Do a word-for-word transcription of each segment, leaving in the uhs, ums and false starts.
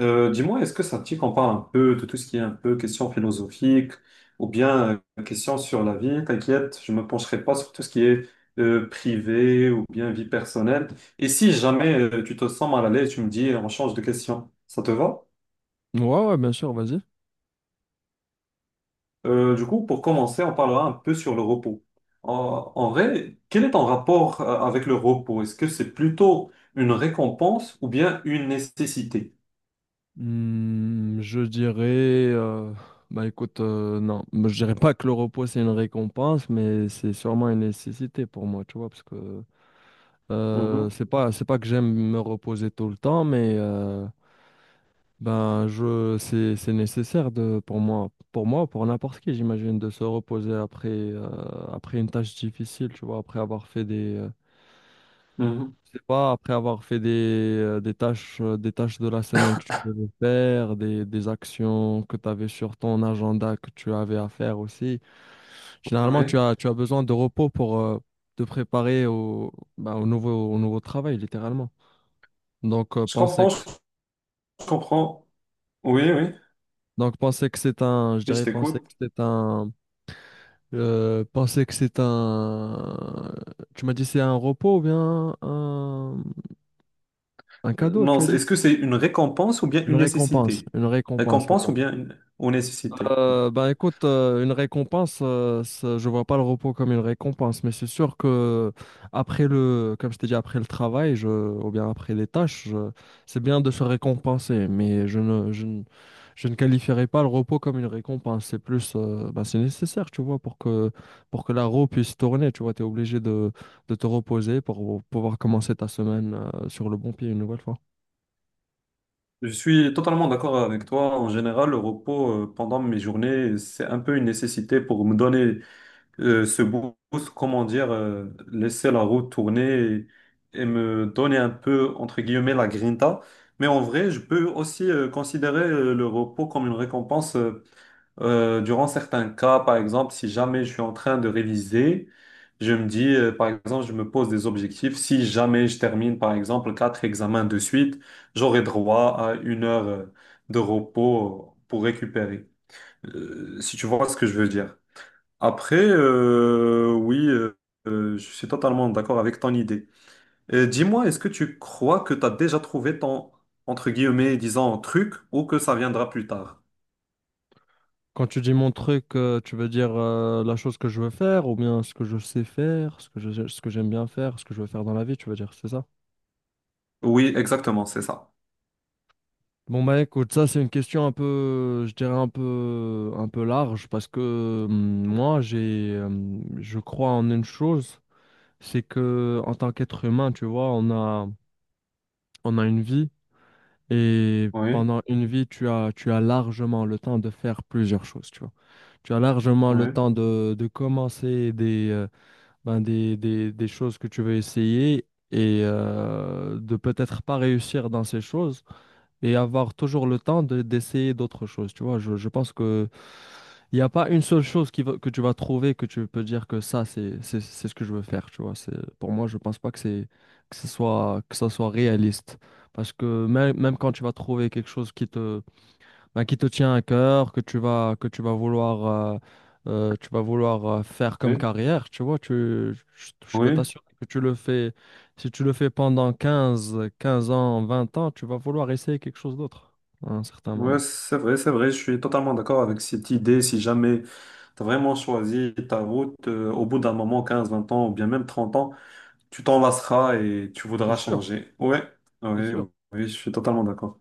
Euh, dis-moi, est-ce que ça te dit qu'on parle un peu de tout ce qui est un peu question philosophique ou bien euh, question sur la vie? T'inquiète, je me pencherai pas sur tout ce qui est euh, privé ou bien vie personnelle. Et si jamais euh, tu te sens mal à l'aise, tu me dis, on change de question. Ça te va? Ouais, ouais, bien sûr, vas-y. Euh, du coup, pour commencer, on parlera un peu sur le repos. En, en vrai, quel est ton rapport euh, avec le repos? Est-ce que c'est plutôt une récompense ou bien une nécessité? Hmm, je dirais, euh, bah écoute, euh, non, moi, je dirais pas que le repos c'est une récompense, mais c'est sûrement une nécessité pour moi, tu vois, parce que euh, Mhm, c'est pas, c'est pas que j'aime me reposer tout le temps, mais euh, ben je, c'est, c'est nécessaire de, pour moi, pour moi, pour n'importe qui, j'imagine, de se reposer après, euh, après une tâche difficile, tu vois, après avoir fait des, euh, mhm, je sais pas, après avoir fait des, euh, des tâches, euh, des tâches de la semaine que tu devais faire, des, des actions que tu avais sur ton agenda que tu avais à faire aussi. Généralement, tu ouais. as, tu as besoin de repos pour euh, te préparer au, bah, au nouveau, au nouveau travail, littéralement. Donc, euh, Je penser comprends, que, je comprends. Oui, oui. donc penser que c'est un, je Oui, je dirais, penser que t'écoute. c'est un, euh, penser que c'est un, tu m'as dit c'est un repos ou bien un, un Euh, cadeau, Non, tu as c'est- dit? est-ce que c'est une récompense ou bien Une une récompense, nécessité? une récompense, Récompense ou voilà. bien une, ou nécessité, oui. Euh, ben écoute, euh, une récompense, euh, ça- je vois pas le repos comme une récompense, mais c'est sûr que après le, comme je t'ai dit, après le travail, je, ou bien après les tâches, je- c'est bien de se récompenser, mais je ne, je ne, je ne qualifierais pas le repos comme une récompense. C'est plus, euh, ben, c'est nécessaire, tu vois, pour que pour que la roue puisse tourner, tu vois, tu es obligé de, de te reposer pour pouvoir commencer ta semaine, euh, sur le bon pied une nouvelle fois. Je suis totalement d'accord avec toi. En général, le repos euh, pendant mes journées, c'est un peu une nécessité pour me donner euh, ce boost, comment dire, euh, laisser la roue tourner et, et me donner un peu, entre guillemets, la grinta. Mais en vrai, je peux aussi euh, considérer euh, le repos comme une récompense euh, euh, durant certains cas. Par exemple, si jamais je suis en train de réviser, je me dis, euh, par exemple, je me pose des objectifs. Si jamais je termine, par exemple, quatre examens de suite, j'aurai droit à une heure euh, de repos pour récupérer. Euh, si tu vois ce que je veux dire. Après, euh, oui, euh, euh, je suis totalement d'accord avec ton idée. Euh, dis-moi, est-ce que tu crois que tu as déjà trouvé ton, entre guillemets, disons, truc ou que ça viendra plus tard? Quand tu dis mon truc, euh, tu veux dire euh, la chose que je veux faire ou bien ce que je sais faire, ce que je, ce que j'aime bien faire, ce que je veux faire dans la vie, tu veux dire, c'est ça? Oui, exactement, c'est ça. Bon bah écoute, ça c'est une question un peu, je dirais un peu, un peu large parce que hum, moi j'ai, hum, je crois en une chose, c'est que en tant qu'être humain, tu vois, on a, on a une vie et Oui, pendant une vie, tu as, tu as largement le temps de faire plusieurs choses, tu vois. Tu as largement le oui, temps de, de commencer des, euh, ben, des, des, des choses que tu veux essayer et euh, de peut-être pas réussir dans ces choses et avoir toujours le temps de- d'essayer d'autres choses. Tu vois, je, je pense que il n'y a pas une seule chose qui va- que tu vas trouver que tu peux dire que ça, c'est, c'est, c'est ce que je veux faire. Tu vois, c'est, pour moi, je pense pas que c'est, que ce soit, que ça soit réaliste. Parce que même, même quand tu vas trouver quelque chose qui te, ben, qui te tient à cœur, que tu vas, que tu vas vouloir, euh, euh, tu vas vouloir euh, faire comme oui, carrière, tu vois, tu, je, je peux oui, t'assurer que tu le fais, si tu le fais pendant quinze quinze ans, vingt ans, tu vas vouloir essayer quelque chose d'autre à un certain ouais, moment. c'est vrai, c'est vrai, je suis totalement d'accord avec cette idée. Si jamais tu as vraiment choisi ta route, euh, au bout d'un moment, quinze, vingt ans ou bien même trente ans, tu t'en lasseras et tu C'est voudras sûr, changer. Oui, c'est oui, sûr. oui, je suis totalement d'accord.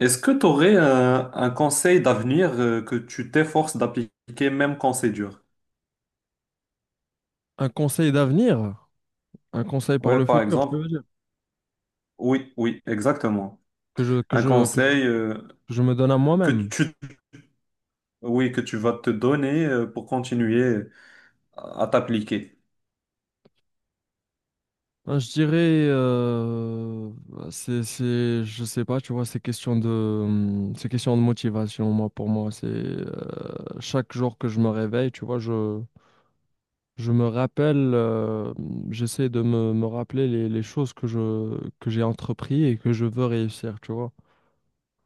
Est-ce que tu aurais un, un conseil d'avenir euh, que tu t'efforces d'appliquer même quand c'est dur? Un conseil d'avenir, un conseil pour Ouais, le par futur, je exemple. veux dire, Oui, oui, exactement. que je, que Un je, que je, conseil euh, que je me donne à que moi-même. tu, oui, que tu vas te donner euh, pour continuer à, à t'appliquer. Ah, je dirais, euh, bah, c'est, c'est, je sais pas, tu vois, c'est question de, hum, c'est question de motivation, moi, pour moi. C'est euh, chaque jour que je me réveille, tu vois, je, je me rappelle, euh, j'essaie de me, me rappeler les, les choses que je, que j'ai entrepris et que je veux réussir, tu vois.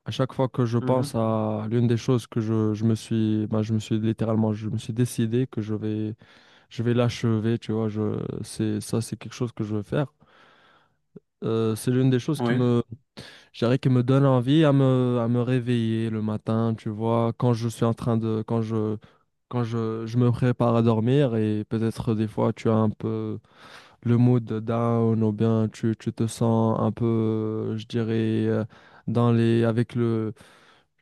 À chaque fois que je pense Mhm. à l'une des choses que je, je me suis, bah, je me suis littéralement, je me suis décidé que je vais, je vais l'achever, tu vois, je, c'est, ça, c'est quelque chose que je veux faire. Euh, c'est l'une des choses qui Oui, me, je dirais, qui me donne envie à me, à me réveiller le matin, tu vois, quand je suis en train de, quand je, quand je, je me prépare à dormir et peut-être des fois tu as un peu le mood down ou bien tu, tu te sens un peu, je dirais, euh, dans les, avec le,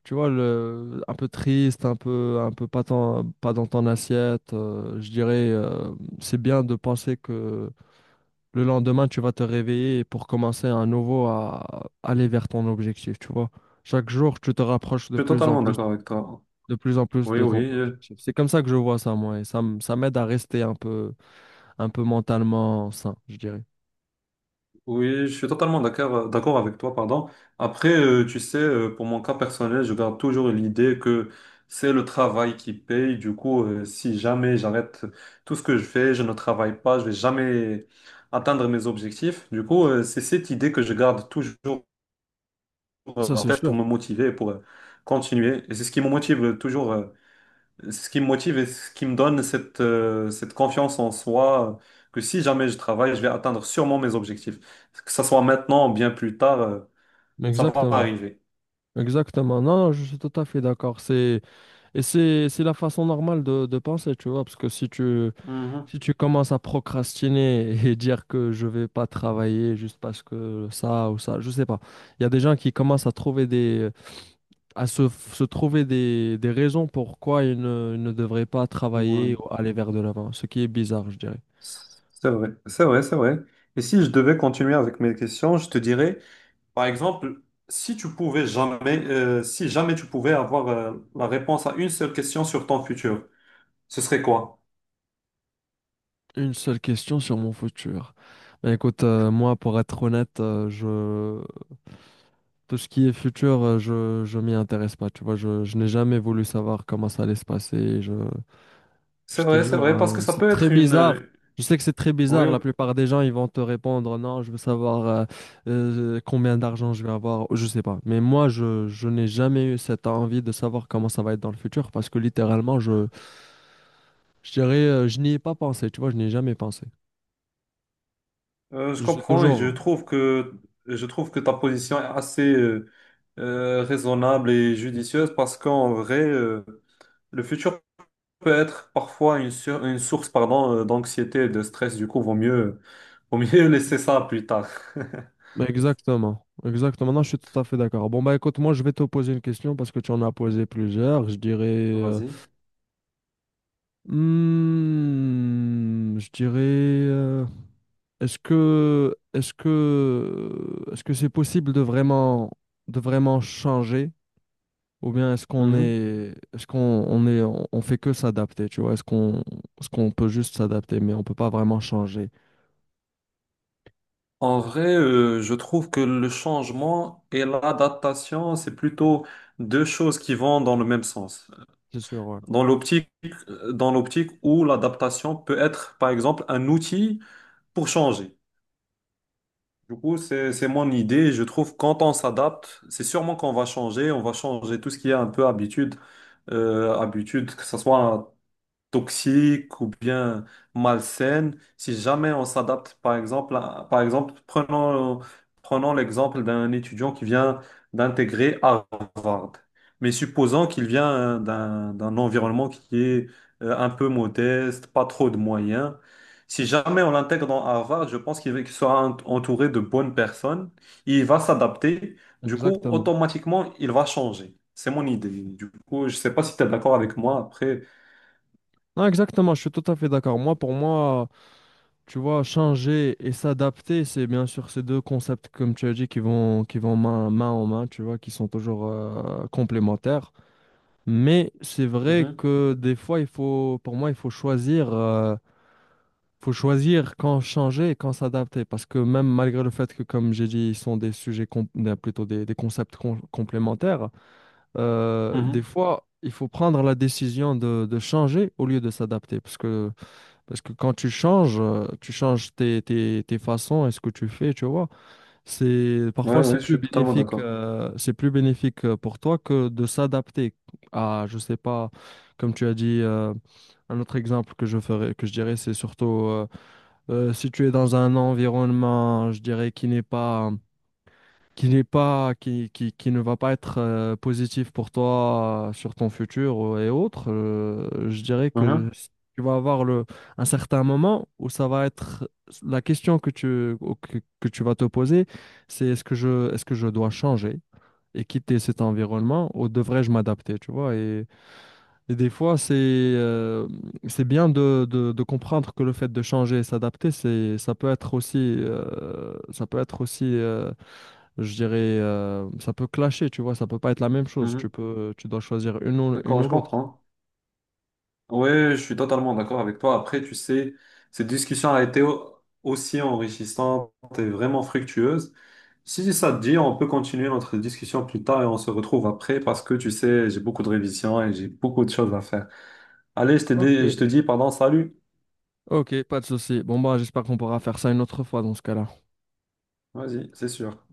tu vois, le, un peu triste, un peu, un peu pas, tant- pas dans ton assiette. Euh, je dirais, euh, c'est bien de penser que le lendemain, tu vas te réveiller pour commencer à nouveau à aller vers ton objectif, tu vois. Chaque jour, tu te rapproches de je suis plus en totalement plus, d'accord avec toi. de plus en plus Oui, de ton oui. euh, objectif. C'est comme ça que je vois ça, moi, et ça, m- ça m'aide à rester un peu, un peu mentalement sain, je dirais. Oui, je suis totalement d'accord, euh, d'accord avec toi, pardon. Après, euh, tu sais, euh, pour mon cas personnel, je garde toujours l'idée que c'est le travail qui paye. Du coup, euh, si jamais j'arrête tout ce que je fais, je ne travaille pas, je vais jamais atteindre mes objectifs. Du coup, euh, c'est cette idée que je garde toujours euh, Ça, en c'est tête pour sûr. me motiver, et pour euh, continuer. Et c'est ce qui me motive euh, toujours. euh, Ce qui me motive et ce qui me donne cette, euh, cette confiance en soi, euh, que si jamais je travaille, je vais atteindre sûrement mes objectifs. Que ça soit maintenant ou bien plus tard, euh, ça va Exactement. arriver. Exactement. Non, non, je suis tout à fait d'accord. C'est, et c'est, c'est la façon normale de, de penser, tu vois, parce que si tu, Mhm. si tu commences à procrastiner et dire que je vais pas travailler juste parce que ça ou ça, je sais pas. Il y a des gens qui commencent à trouver des, à se, se trouver des, des raisons pourquoi ils ne, ils ne devraient pas travailler Ouais. ou aller vers de l'avant, ce qui est bizarre, je dirais. C'est vrai, c'est vrai, c'est vrai. Et si je devais continuer avec mes questions, je te dirais, par exemple, si tu pouvais jamais, euh, si jamais tu pouvais avoir, euh, la réponse à une seule question sur ton futur, ce serait quoi? Une seule question sur mon futur. Ben écoute, euh, moi, pour être honnête, euh, je... tout ce qui est futur, euh, je, je m'y intéresse pas. Tu vois, je, je n'ai jamais voulu savoir comment ça allait se passer. Je... C'est Je te vrai, c'est jure, vrai, parce que euh, ça c'est peut très être une... bizarre. euh, Je sais que c'est très Oui, bizarre. La plupart des gens, ils vont te répondre, non, je veux savoir euh, euh, combien d'argent je vais avoir. Je sais pas. Mais moi, je, je n'ai jamais eu cette envie de savoir comment ça va être dans le futur parce que littéralement, je, je dirais, euh, je n'y ai pas pensé. Tu vois, je n'y ai jamais pensé. Euh, je Je suis comprends et je toujours. trouve que je trouve que ta position est assez euh, euh, raisonnable et judicieuse parce qu'en vrai, euh, le futur peut être parfois une, sur- une source pardon, euh, d'anxiété et de stress. Du coup, vaut mieux, vaut mieux laisser ça plus tard. Mais exactement. Exactement. Non, je suis tout à fait d'accord. Bon, bah écoute, moi, je vais te poser une question parce que tu en as posé plusieurs. Je dirais. euh, Vas-y. hmm, je dirais. euh, Est-ce que, est-ce que, est-ce que c'est possible de vraiment, de vraiment changer? Ou bien est-ce qu'on Mhm. est, est-ce qu'on on est, on, on fait que s'adapter, tu vois? Est-ce qu'on, est-ce qu'on peut juste s'adapter, mais on peut pas vraiment changer? En vrai, euh, je trouve que le changement et l'adaptation, c'est plutôt deux choses qui vont dans le même sens. C'est sûr, ouais. Dans l'optique, euh, Dans l'optique où l'adaptation peut être, par exemple, un outil pour changer. Du coup, c'est, c'est mon idée. Je trouve que quand on s'adapte, c'est sûrement qu'on va changer. On va changer tout ce qui est un peu habitude. Euh, habitude, que ce soit toxiques ou bien malsaines, si jamais on s'adapte, par exemple, à- par exemple, prenons, prenons l'exemple d'un étudiant qui vient d'intégrer Harvard. Mais supposons qu'il vient euh, d'un, d'un environnement qui est euh, un peu modeste, pas trop de moyens. Si jamais on l'intègre dans Harvard, je pense qu'il va- qu'il sera ent- entouré de bonnes personnes. Il va s'adapter. Du coup, Exactement. automatiquement, il va changer. C'est mon idée. Du coup, je ne sais pas si tu es d'accord avec moi après. Non, exactement, je suis tout à fait d'accord. Moi, pour moi, tu vois, changer et s'adapter, c'est bien sûr ces deux concepts, comme tu as dit, qui vont, qui vont main, main en main, tu vois, qui sont toujours euh, complémentaires. Mais c'est vrai que des fois, il faut, pour moi, il faut choisir, euh, faut choisir quand changer et quand s'adapter. Parce que même malgré le fait que, comme j'ai dit, ils sont des sujets, com- euh, plutôt des, des concepts com- complémentaires, euh, des Mhm. fois, il faut prendre la décision de, de changer au lieu de s'adapter. Parce que, parce que quand tu changes, euh, tu changes tes, tes, tes façons et ce que tu fais, tu vois. C'est parfois Ouais, c'est ouais, je plus suis totalement bénéfique d'accord. euh, c'est plus bénéfique euh, pour toi que de s'adapter à je sais pas comme tu as dit euh, un autre exemple que je ferais que je dirais c'est surtout euh, euh, si tu es dans un environnement je dirais qui n'est pas qui n'est pas, qui, qui, qui ne va pas être euh, positif pour toi euh, sur ton futur euh, et autres, euh, je dirais que Mhm, s- tu vas avoir le, un certain moment où ça va être la question que tu, au- que, que tu vas te poser, c'est est-ce que je, est-ce que je dois changer et quitter cet environnement ou devrais-je m'adapter, tu vois? Et, et des fois, c'est euh, c'est bien de, de, de comprendre que le fait de changer et s'adapter, c'est, ça peut être aussi, euh, ça peut être aussi euh, je dirais, euh, ça peut clasher, tu vois, ça peut pas être la même chose. Tu mhm. peux, tu dois choisir une ou, une D'accord, ou je l'autre. comprends. Hein. Ouais, je suis totalement d'accord avec toi. Après, tu sais, cette discussion a été au- aussi enrichissante et vraiment fructueuse. Si ça te dit, on peut continuer notre discussion plus tard et on se retrouve après parce que tu sais, j'ai beaucoup de révisions et j'ai beaucoup de choses à faire. Allez, je te dis, je te Ok. dis, pardon, salut. Ok, pas de souci. Bon, bah, j'espère qu'on pourra faire ça une autre fois dans ce cas-là. Vas-y, c'est sûr.